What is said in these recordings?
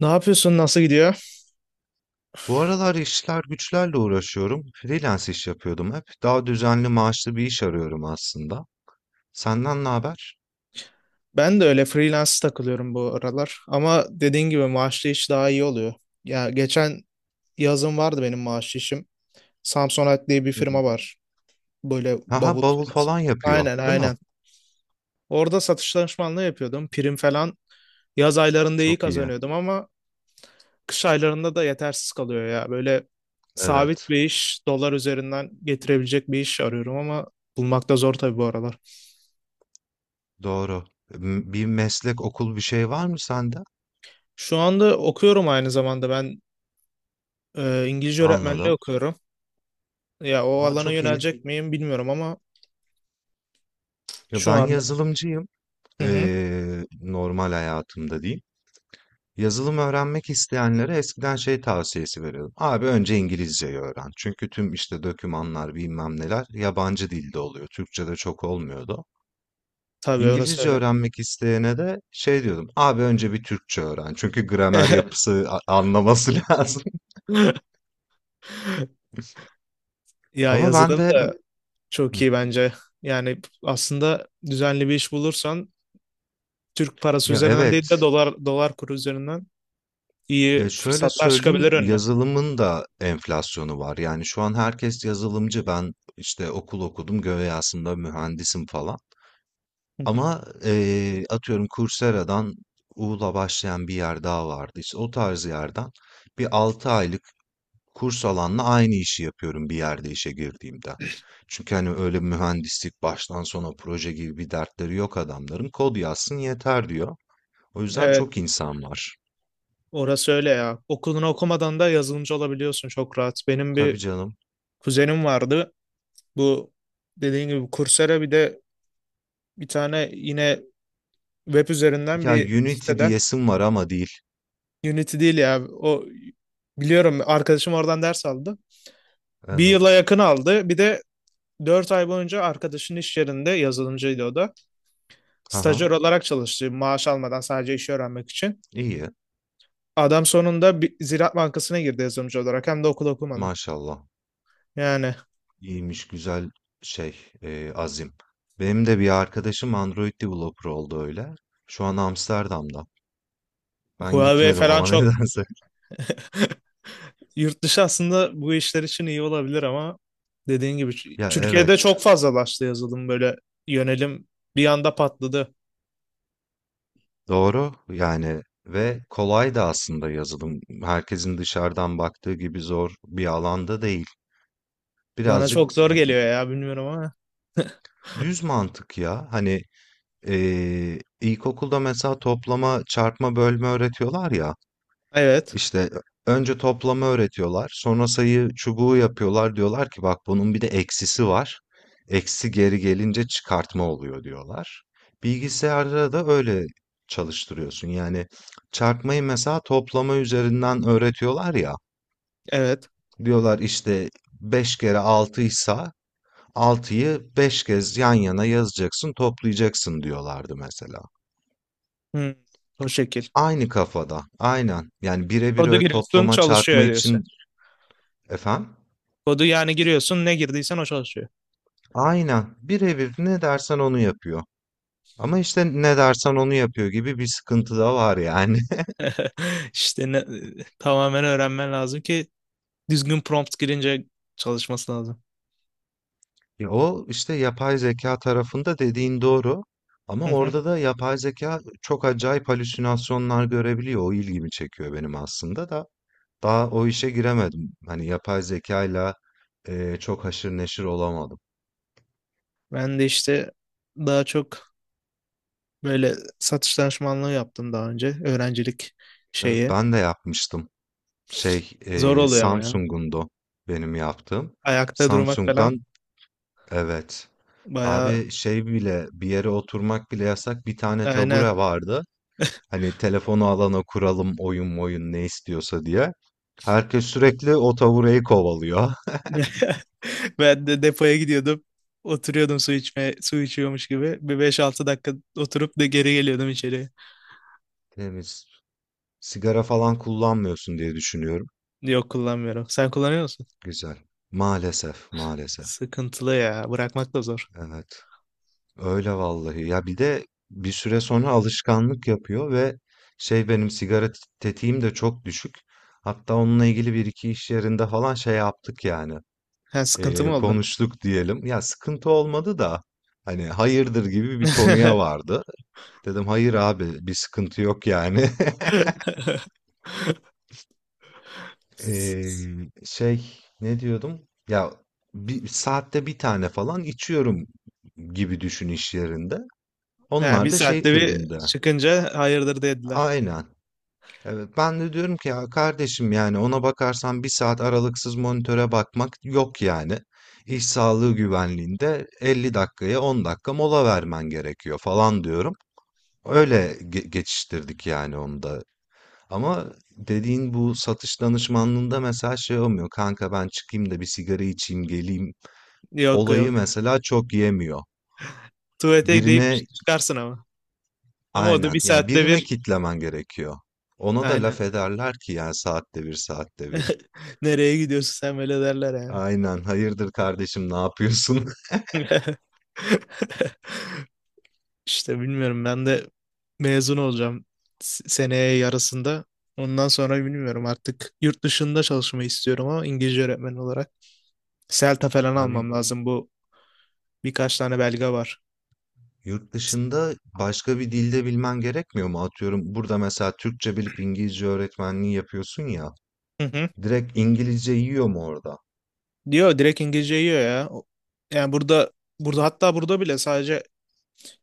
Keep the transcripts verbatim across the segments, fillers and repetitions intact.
Ne yapıyorsun? Nasıl gidiyor? Bu aralar işler güçlerle uğraşıyorum. Freelance iş yapıyordum hep. Daha düzenli maaşlı bir iş arıyorum aslında. Senden ne haber? Ben de öyle freelance takılıyorum bu aralar. Ama dediğin gibi maaşlı iş daha iyi oluyor. Ya geçen yazın vardı benim maaşlı işim. Samsonite diye bir Hı hı. firma var. Böyle bavul Aha bavul firması. falan yapıyor, Aynen, değil mi? aynen. Orada satış danışmanlığı yapıyordum. Prim falan yaz aylarında iyi Çok iyi. kazanıyordum ama kış aylarında da yetersiz kalıyor ya. Böyle sabit Evet, bir iş, dolar üzerinden getirebilecek bir iş arıyorum ama bulmakta zor tabii bu aralar. doğru. M- Bir meslek, okul bir şey var mı sende? Şu anda okuyorum aynı zamanda ben. Ee, İngilizce öğretmenliği Anladım. okuyorum. Ya o Aa alana çok iyi. yönelecek miyim bilmiyorum ama Ya şu ben anda. yazılımcıyım. Hı hı. Ee, normal hayatımda diyeyim. Yazılım öğrenmek isteyenlere eskiden şey tavsiyesi veriyordum. Abi önce İngilizceyi öğren. Çünkü tüm işte dokümanlar bilmem neler yabancı dilde oluyor. Türkçe'de çok olmuyordu. Tabii, orası İngilizce öyle. öğrenmek isteyene de şey diyordum. Abi önce bir Türkçe öğren. Çünkü gramer yapısı a- anlaması lazım. Ya Ama ben yazılım de da çok iyi bence. Yani aslında düzenli bir iş bulursan Türk parası ya üzerinden değil de evet dolar dolar kuru üzerinden ya iyi şöyle fırsatlar çıkabilir söyleyeyim önüne. yazılımın da enflasyonu var. Yani şu an herkes yazılımcı. Ben işte okul okudum. Göğe aslında mühendisim falan. Hı hı. Ama, eee, atıyorum Coursera'dan U'la başlayan bir yer daha vardı. İşte o tarz yerden bir altı aylık kurs alanla aynı işi yapıyorum bir yerde işe girdiğimde. Çünkü hani öyle mühendislik baştan sona proje gibi bir dertleri yok adamların. Kod yazsın yeter diyor. O yüzden çok Evet, insan var. orası öyle ya. Okulunu okumadan da yazılımcı olabiliyorsun çok rahat. Benim Tabii bir canım. kuzenim vardı. Bu, dediğin gibi Coursera, bir de bir tane yine web üzerinden Ya bir Unity siteden. diyesim var ama değil. Unity değil ya. O, biliyorum, arkadaşım oradan ders aldı. Bir yıla Evet. yakın aldı. Bir de dört ay boyunca arkadaşın iş yerinde yazılımcıydı o da. Aha. Stajyer olarak çalıştı maaş almadan, sadece işi öğrenmek için. İyi. Adam sonunda bir Ziraat Bankası'na girdi yazılımcı olarak, hem de okul okumadan. Maşallah. Yani İyiymiş güzel şey e, azim. Benim de bir arkadaşım Android developer oldu öyle. Şu an Amsterdam'da. Ben Huawei gitmedim falan ama çok. nedense. Yurt dışı aslında bu işler için iyi olabilir ama dediğin gibi Ya Türkiye'de çok evet fazlalaştı yazılım, böyle yönelim bir anda patladı. doğru yani ve kolay da aslında yazılım. Herkesin dışarıdan baktığı gibi zor bir alanda değil. Bana Birazcık çok zor geliyor ya, bilmiyorum ama. düz mantık ya. Hani e, ilkokulda mesela toplama, çarpma, bölme öğretiyorlar ya. Evet. İşte önce toplama öğretiyorlar. Sonra sayı çubuğu yapıyorlar. Diyorlar ki bak bunun bir de eksisi var. Eksi geri gelince çıkartma oluyor diyorlar. Bilgisayarda da öyle çalıştırıyorsun. Yani çarpmayı mesela toplama üzerinden öğretiyorlar ya. Evet. Diyorlar işte beş kere altı ise altıyı beş kez yan yana yazacaksın, toplayacaksın diyorlardı mesela. Hmm, O şekil. Aynı kafada, aynen. Yani birebir Kodu öyle giriyorsun, toplama çarpma çalışıyor diyorsun. için efendim. Kodu yani giriyorsun, ne girdiysen o çalışıyor. Aynen. Birebir ne dersen onu yapıyor. Ama işte ne dersen onu yapıyor gibi bir sıkıntı da var yani. İşte ne- tamamen öğrenmen lazım ki düzgün prompt girince çalışması lazım. Ya o işte yapay zeka tarafında dediğin doğru. Hı Ama hı. orada da yapay zeka çok acayip halüsinasyonlar görebiliyor. O ilgimi çekiyor benim aslında da. Daha o işe giremedim. Hani yapay zekayla eee, çok haşır neşir olamadım. Ben de işte daha çok böyle satış danışmanlığı yaptım daha önce. Öğrencilik şeyi. Ben de yapmıştım. Şey, Zor eee oluyor ama ya. Samsung'undu benim yaptığım. Ayakta durmak Samsung'dan falan evet. bayağı. Abi şey bile bir yere oturmak bile yasak. Bir tane Aynen. tabure vardı. Hani telefonu alana kuralım oyun oyun ne istiyorsa diye. Herkes sürekli o tabureyi kovalıyor. Ben de depoya gidiyordum. Oturuyordum su içmeye, su içiyormuş gibi. Bir beş altı dakika oturup da geri geliyordum içeri. Temiz. Sigara falan kullanmıyorsun diye düşünüyorum. Yok, kullanmıyorum. Sen kullanıyor musun? Güzel. Maalesef, maalesef. Sıkıntılı ya. Bırakmak da zor. Evet. Öyle vallahi. Ya bir de bir süre sonra alışkanlık yapıyor ve şey benim sigara t- tetiğim de çok düşük. Hatta onunla ilgili bir iki iş yerinde falan şey yaptık yani. Ha, sıkıntı Ee, mı oldu? konuştuk diyelim. Ya sıkıntı olmadı da hani hayırdır gibi bir konuya vardı. Dedim hayır abi bir sıkıntı yok yani. Ee, şey ne diyordum? Ya bir saatte bir tane falan içiyorum gibi düşün iş yerinde. Ha, bir Onlar da şey saatte bir tribinde. çıkınca hayırdır dediler. Aynen. Evet, ben de diyorum ki ya kardeşim yani ona bakarsan bir saat aralıksız monitöre bakmak yok yani. İş sağlığı güvenliğinde elli dakikaya on dakika mola vermen gerekiyor falan diyorum. Öyle ge- geçiştirdik yani onu da. Ama dediğin bu satış danışmanlığında mesela şey olmuyor. Kanka ben çıkayım da bir sigara içeyim geleyim. Yok, Olayı yok. mesela çok yemiyor. Tuvalete deyip Birine çıkarsın ama. Ama o da aynen bir yani saatte birine bir. kitlemen gerekiyor. Ona da laf Aynen. ederler ki yani saatte bir saatte bir. Nereye gidiyorsun sen böyle derler Aynen. Hayırdır kardeşim, ne yapıyorsun? yani. İşte bilmiyorum, ben de mezun olacağım s- seneye yarısında. Ondan sonra bilmiyorum artık, yurt dışında çalışmayı istiyorum ama İngilizce öğretmeni olarak. CELTA falan almam Abi lazım, bu birkaç tane belge var. yurt dışında başka bir dilde bilmen gerekmiyor mu? Atıyorum burada mesela Türkçe bilip İngilizce öğretmenliği yapıyorsun ya. Hı hı. Direkt İngilizce yiyor mu orada? Diyor, direkt İngilizce yiyor ya. O- Yani burada burada hatta burada bile sadece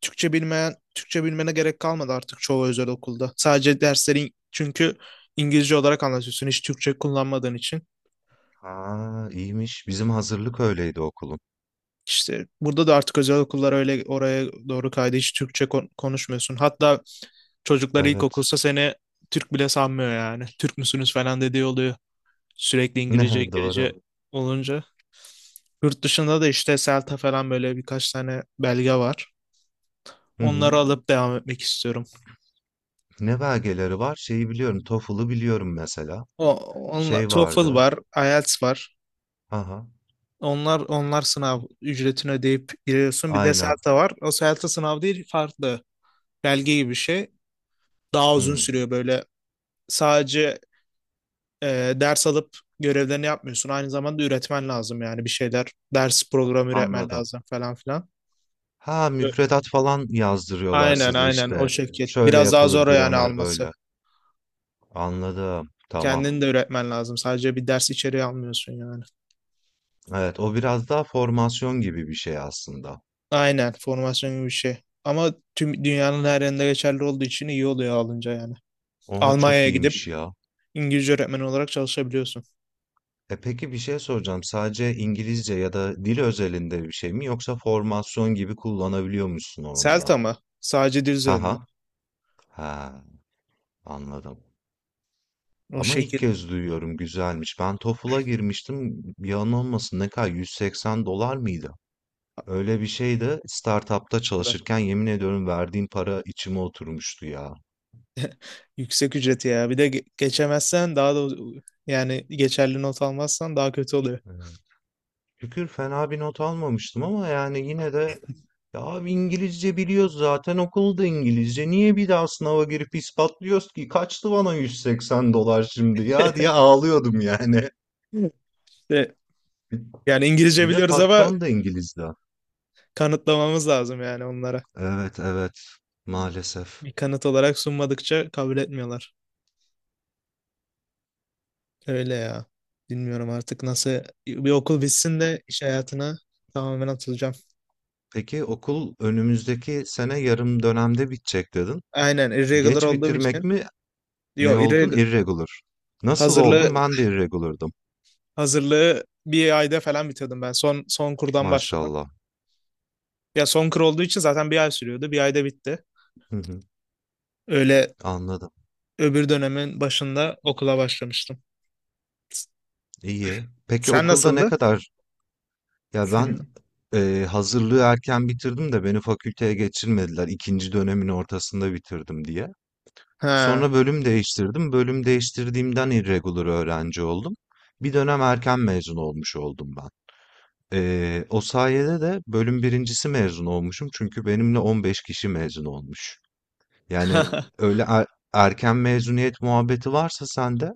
Türkçe bilmeyen, Türkçe bilmene gerek kalmadı artık çoğu özel okulda. Sadece derslerin, çünkü İngilizce olarak anlatıyorsun hiç Türkçe kullanmadığın için. Ha, iyiymiş. Bizim hazırlık öyleydi okulun. İşte burada da artık özel okullar öyle oraya doğru kaydı. Hiç Türkçe kon- konuşmuyorsun. Hatta çocuklar Evet. ilkokulsa seni Türk bile sanmıyor yani. Türk müsünüz falan dediği oluyor. Sürekli İngilizce, Ne İngilizce doğru. olunca. Yurt dışında da işte CELTA falan, böyle birkaç tane belge var. Hı hı. Onları alıp devam etmek istiyorum. Ne belgeleri var? Şeyi biliyorum. TOEFL'ı biliyorum mesela. O onla, Şey TOEFL vardı. var, IELTS var. Aha. Onlar onlar sınav ücretini ödeyip giriyorsun. Bir de Aynen. CELTA var. O CELTA sınav değil, farklı. Belge gibi bir şey. Daha uzun Hı. sürüyor, böyle sadece e, ders alıp görevlerini yapmıyorsun. Aynı zamanda üretmen lazım yani, bir şeyler. Ders programı üretmen Anladım. lazım falan filan. Ha Evet. müfredat falan yazdırıyorlar Aynen, size aynen o işte. şekil. Şöyle Biraz daha yapılır zor yani gramer alması. böyle. Anladım. Tamam. Kendini de üretmen lazım. Sadece bir ders içeriği almıyorsun yani. Evet o biraz daha formasyon gibi bir şey aslında. Aynen, formasyon gibi bir şey. Ama tüm dünyanın her yerinde geçerli olduğu için iyi oluyor alınca yani. Oha çok Almanya'ya gidip iyiymiş ya. İngilizce öğretmeni olarak çalışabiliyorsun. E peki bir şey soracağım. Sadece İngilizce ya da dil özelinde bir şey mi yoksa formasyon gibi kullanabiliyor musun onu da? Selta mı? Sadece dil üzerinde. Haha. Ha anladım. O Ama ilk şekil. kez duyuyorum güzelmiş. Ben TOEFL'a girmiştim. Yalan olmasın ne kadar yüz seksen dolar mıydı? Öyle bir şey de startupta çalışırken yemin ediyorum verdiğim para içime oturmuştu ya. Yüksek ücreti ya. Bir de ge- geçemezsen daha da, yani geçerli not almazsan daha kötü oluyor. Ee, Şükür fena bir not almamıştım ama yani yine de ya abi İngilizce biliyoruz zaten okulda İngilizce. Niye bir daha sınava girip ispatlıyoruz ki? Kaçtı bana yüz seksen dolar şimdi ya diye ağlıyordum yani. İşte yani İngilizce Bir de biliyoruz ama patron da İngilizdi. kanıtlamamız lazım yani onlara. Evet evet maalesef. Bir kanıt olarak sunmadıkça kabul etmiyorlar. Öyle ya. Bilmiyorum artık nasıl, bir okul bitsin de iş hayatına tamamen atılacağım. Peki okul önümüzdeki sene yarım dönemde bitecek dedin. Aynen, irregular Geç olduğum bitirmek için. mi? Ne Yo, oldun? irregular, Irregular. Nasıl oldun? hazırlığı Ben de irregular'dım. hazırlığı bir ayda falan bitirdim ben. Son son kurdan başladım. Maşallah. Ya son kur olduğu için zaten bir ay sürüyordu. Bir ayda bitti. Hı hı, Öyle anladım. öbür dönemin başında okula başlamıştım. S- İyi. Peki Sen okulda ne nasıldı? kadar? Ya ben Senin. e, hazırlığı erken bitirdim de beni fakülteye geçirmediler. İkinci dönemin ortasında bitirdim diye. Ha. Sonra bölüm değiştirdim. Bölüm değiştirdiğimden irregular öğrenci oldum. Bir dönem erken mezun olmuş oldum ben. E, o sayede de bölüm birincisi mezun olmuşum. Çünkü benimle on beş kişi mezun olmuş. Yani öyle er- erken mezuniyet muhabbeti varsa sende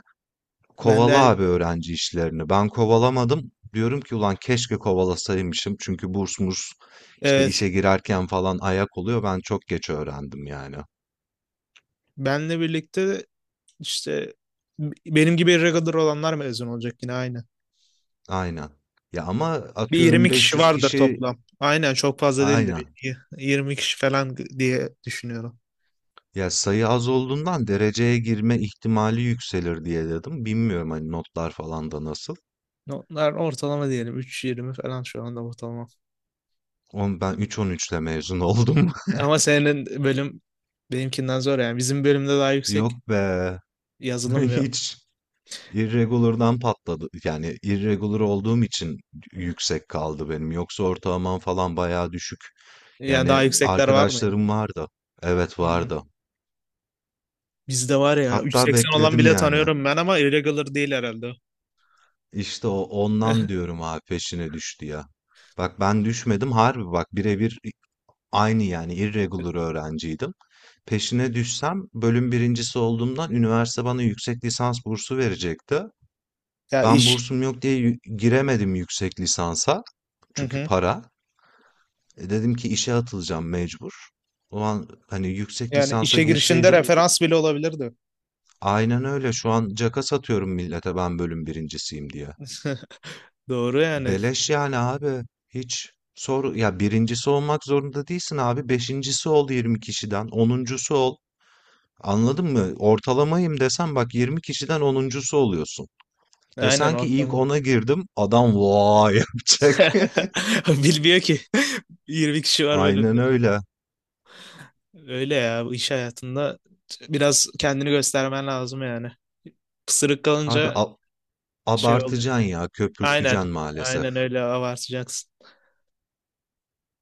Ben de kovala er- abi öğrenci işlerini. Ben kovalamadım. Diyorum ki ulan keşke kovalasaymışım. Çünkü burs murs işte evet. işe girerken falan ayak oluyor. Ben çok geç öğrendim yani. Benle birlikte işte b- benim gibi irregular olanlar mezun olacak yine aynı. Aynen. Ya ama Bir atıyorum yirmi kişi beş yüz vardır kişi toplam. Aynen, çok fazla değildir. aynen. Y- yirmi kişi falan diye düşünüyorum. Ya sayı az olduğundan dereceye girme ihtimali yükselir diye dedim. Bilmiyorum hani notlar falan da nasıl. Onlar ortalama, diyelim üç yirmi falan şu anda ortalama. Oğlum ben üç virgül on üçle mezun oldum. Ama senin bölüm benimkinden zor yani. Bizim bölümde daha yüksek, Yok be. yazılım ve, Hiç. Irregular'dan patladı. Yani irregular olduğum için yüksek kaldı benim. Yoksa ortalamam falan bayağı düşük. yani daha Yani yüksekler var mıydı? arkadaşlarım vardı. Evet Hı. vardı. Bizde var ya, Hatta üç seksen olan bekledim bile yani. tanıyorum ben ama irregular değil herhalde. İşte o ondan diyorum abi peşine düştü ya. Bak ben düşmedim harbi bak birebir aynı yani irregular öğrenciydim. Peşine düşsem bölüm birincisi olduğumdan üniversite bana yüksek lisans bursu verecekti. Ya Ben iş. bursum yok diye yü- giremedim yüksek lisansa. Hı Çünkü hı. para. E dedim ki işe atılacağım mecbur. Ulan hani yüksek Yani lisansa işe girişinde girseydim referans bile olabilirdi. aynen öyle şu an caka satıyorum millete ben bölüm birincisiyim diye. Doğru yani. Beleş yani abi. Hiç sor ya birincisi olmak zorunda değilsin abi. Beşincisi ol yirmi kişiden. Onuncusu ol. Anladın mı? Ortalamayım desen bak yirmi kişiden onuncusu oluyorsun. Aynen, Desen o ki ilk aklıma. ona girdim adam vay yapacak. Bilmiyor ki. yirmi kişi var Aynen bölümde. öyle. Öyle ya, bu iş hayatında biraz kendini göstermen lazım yani. Pısırık Abi kalınca ab şey oluyor. abartacaksın ya, Aynen. köpürteceksin maalesef. Aynen öyle, abartacaksın.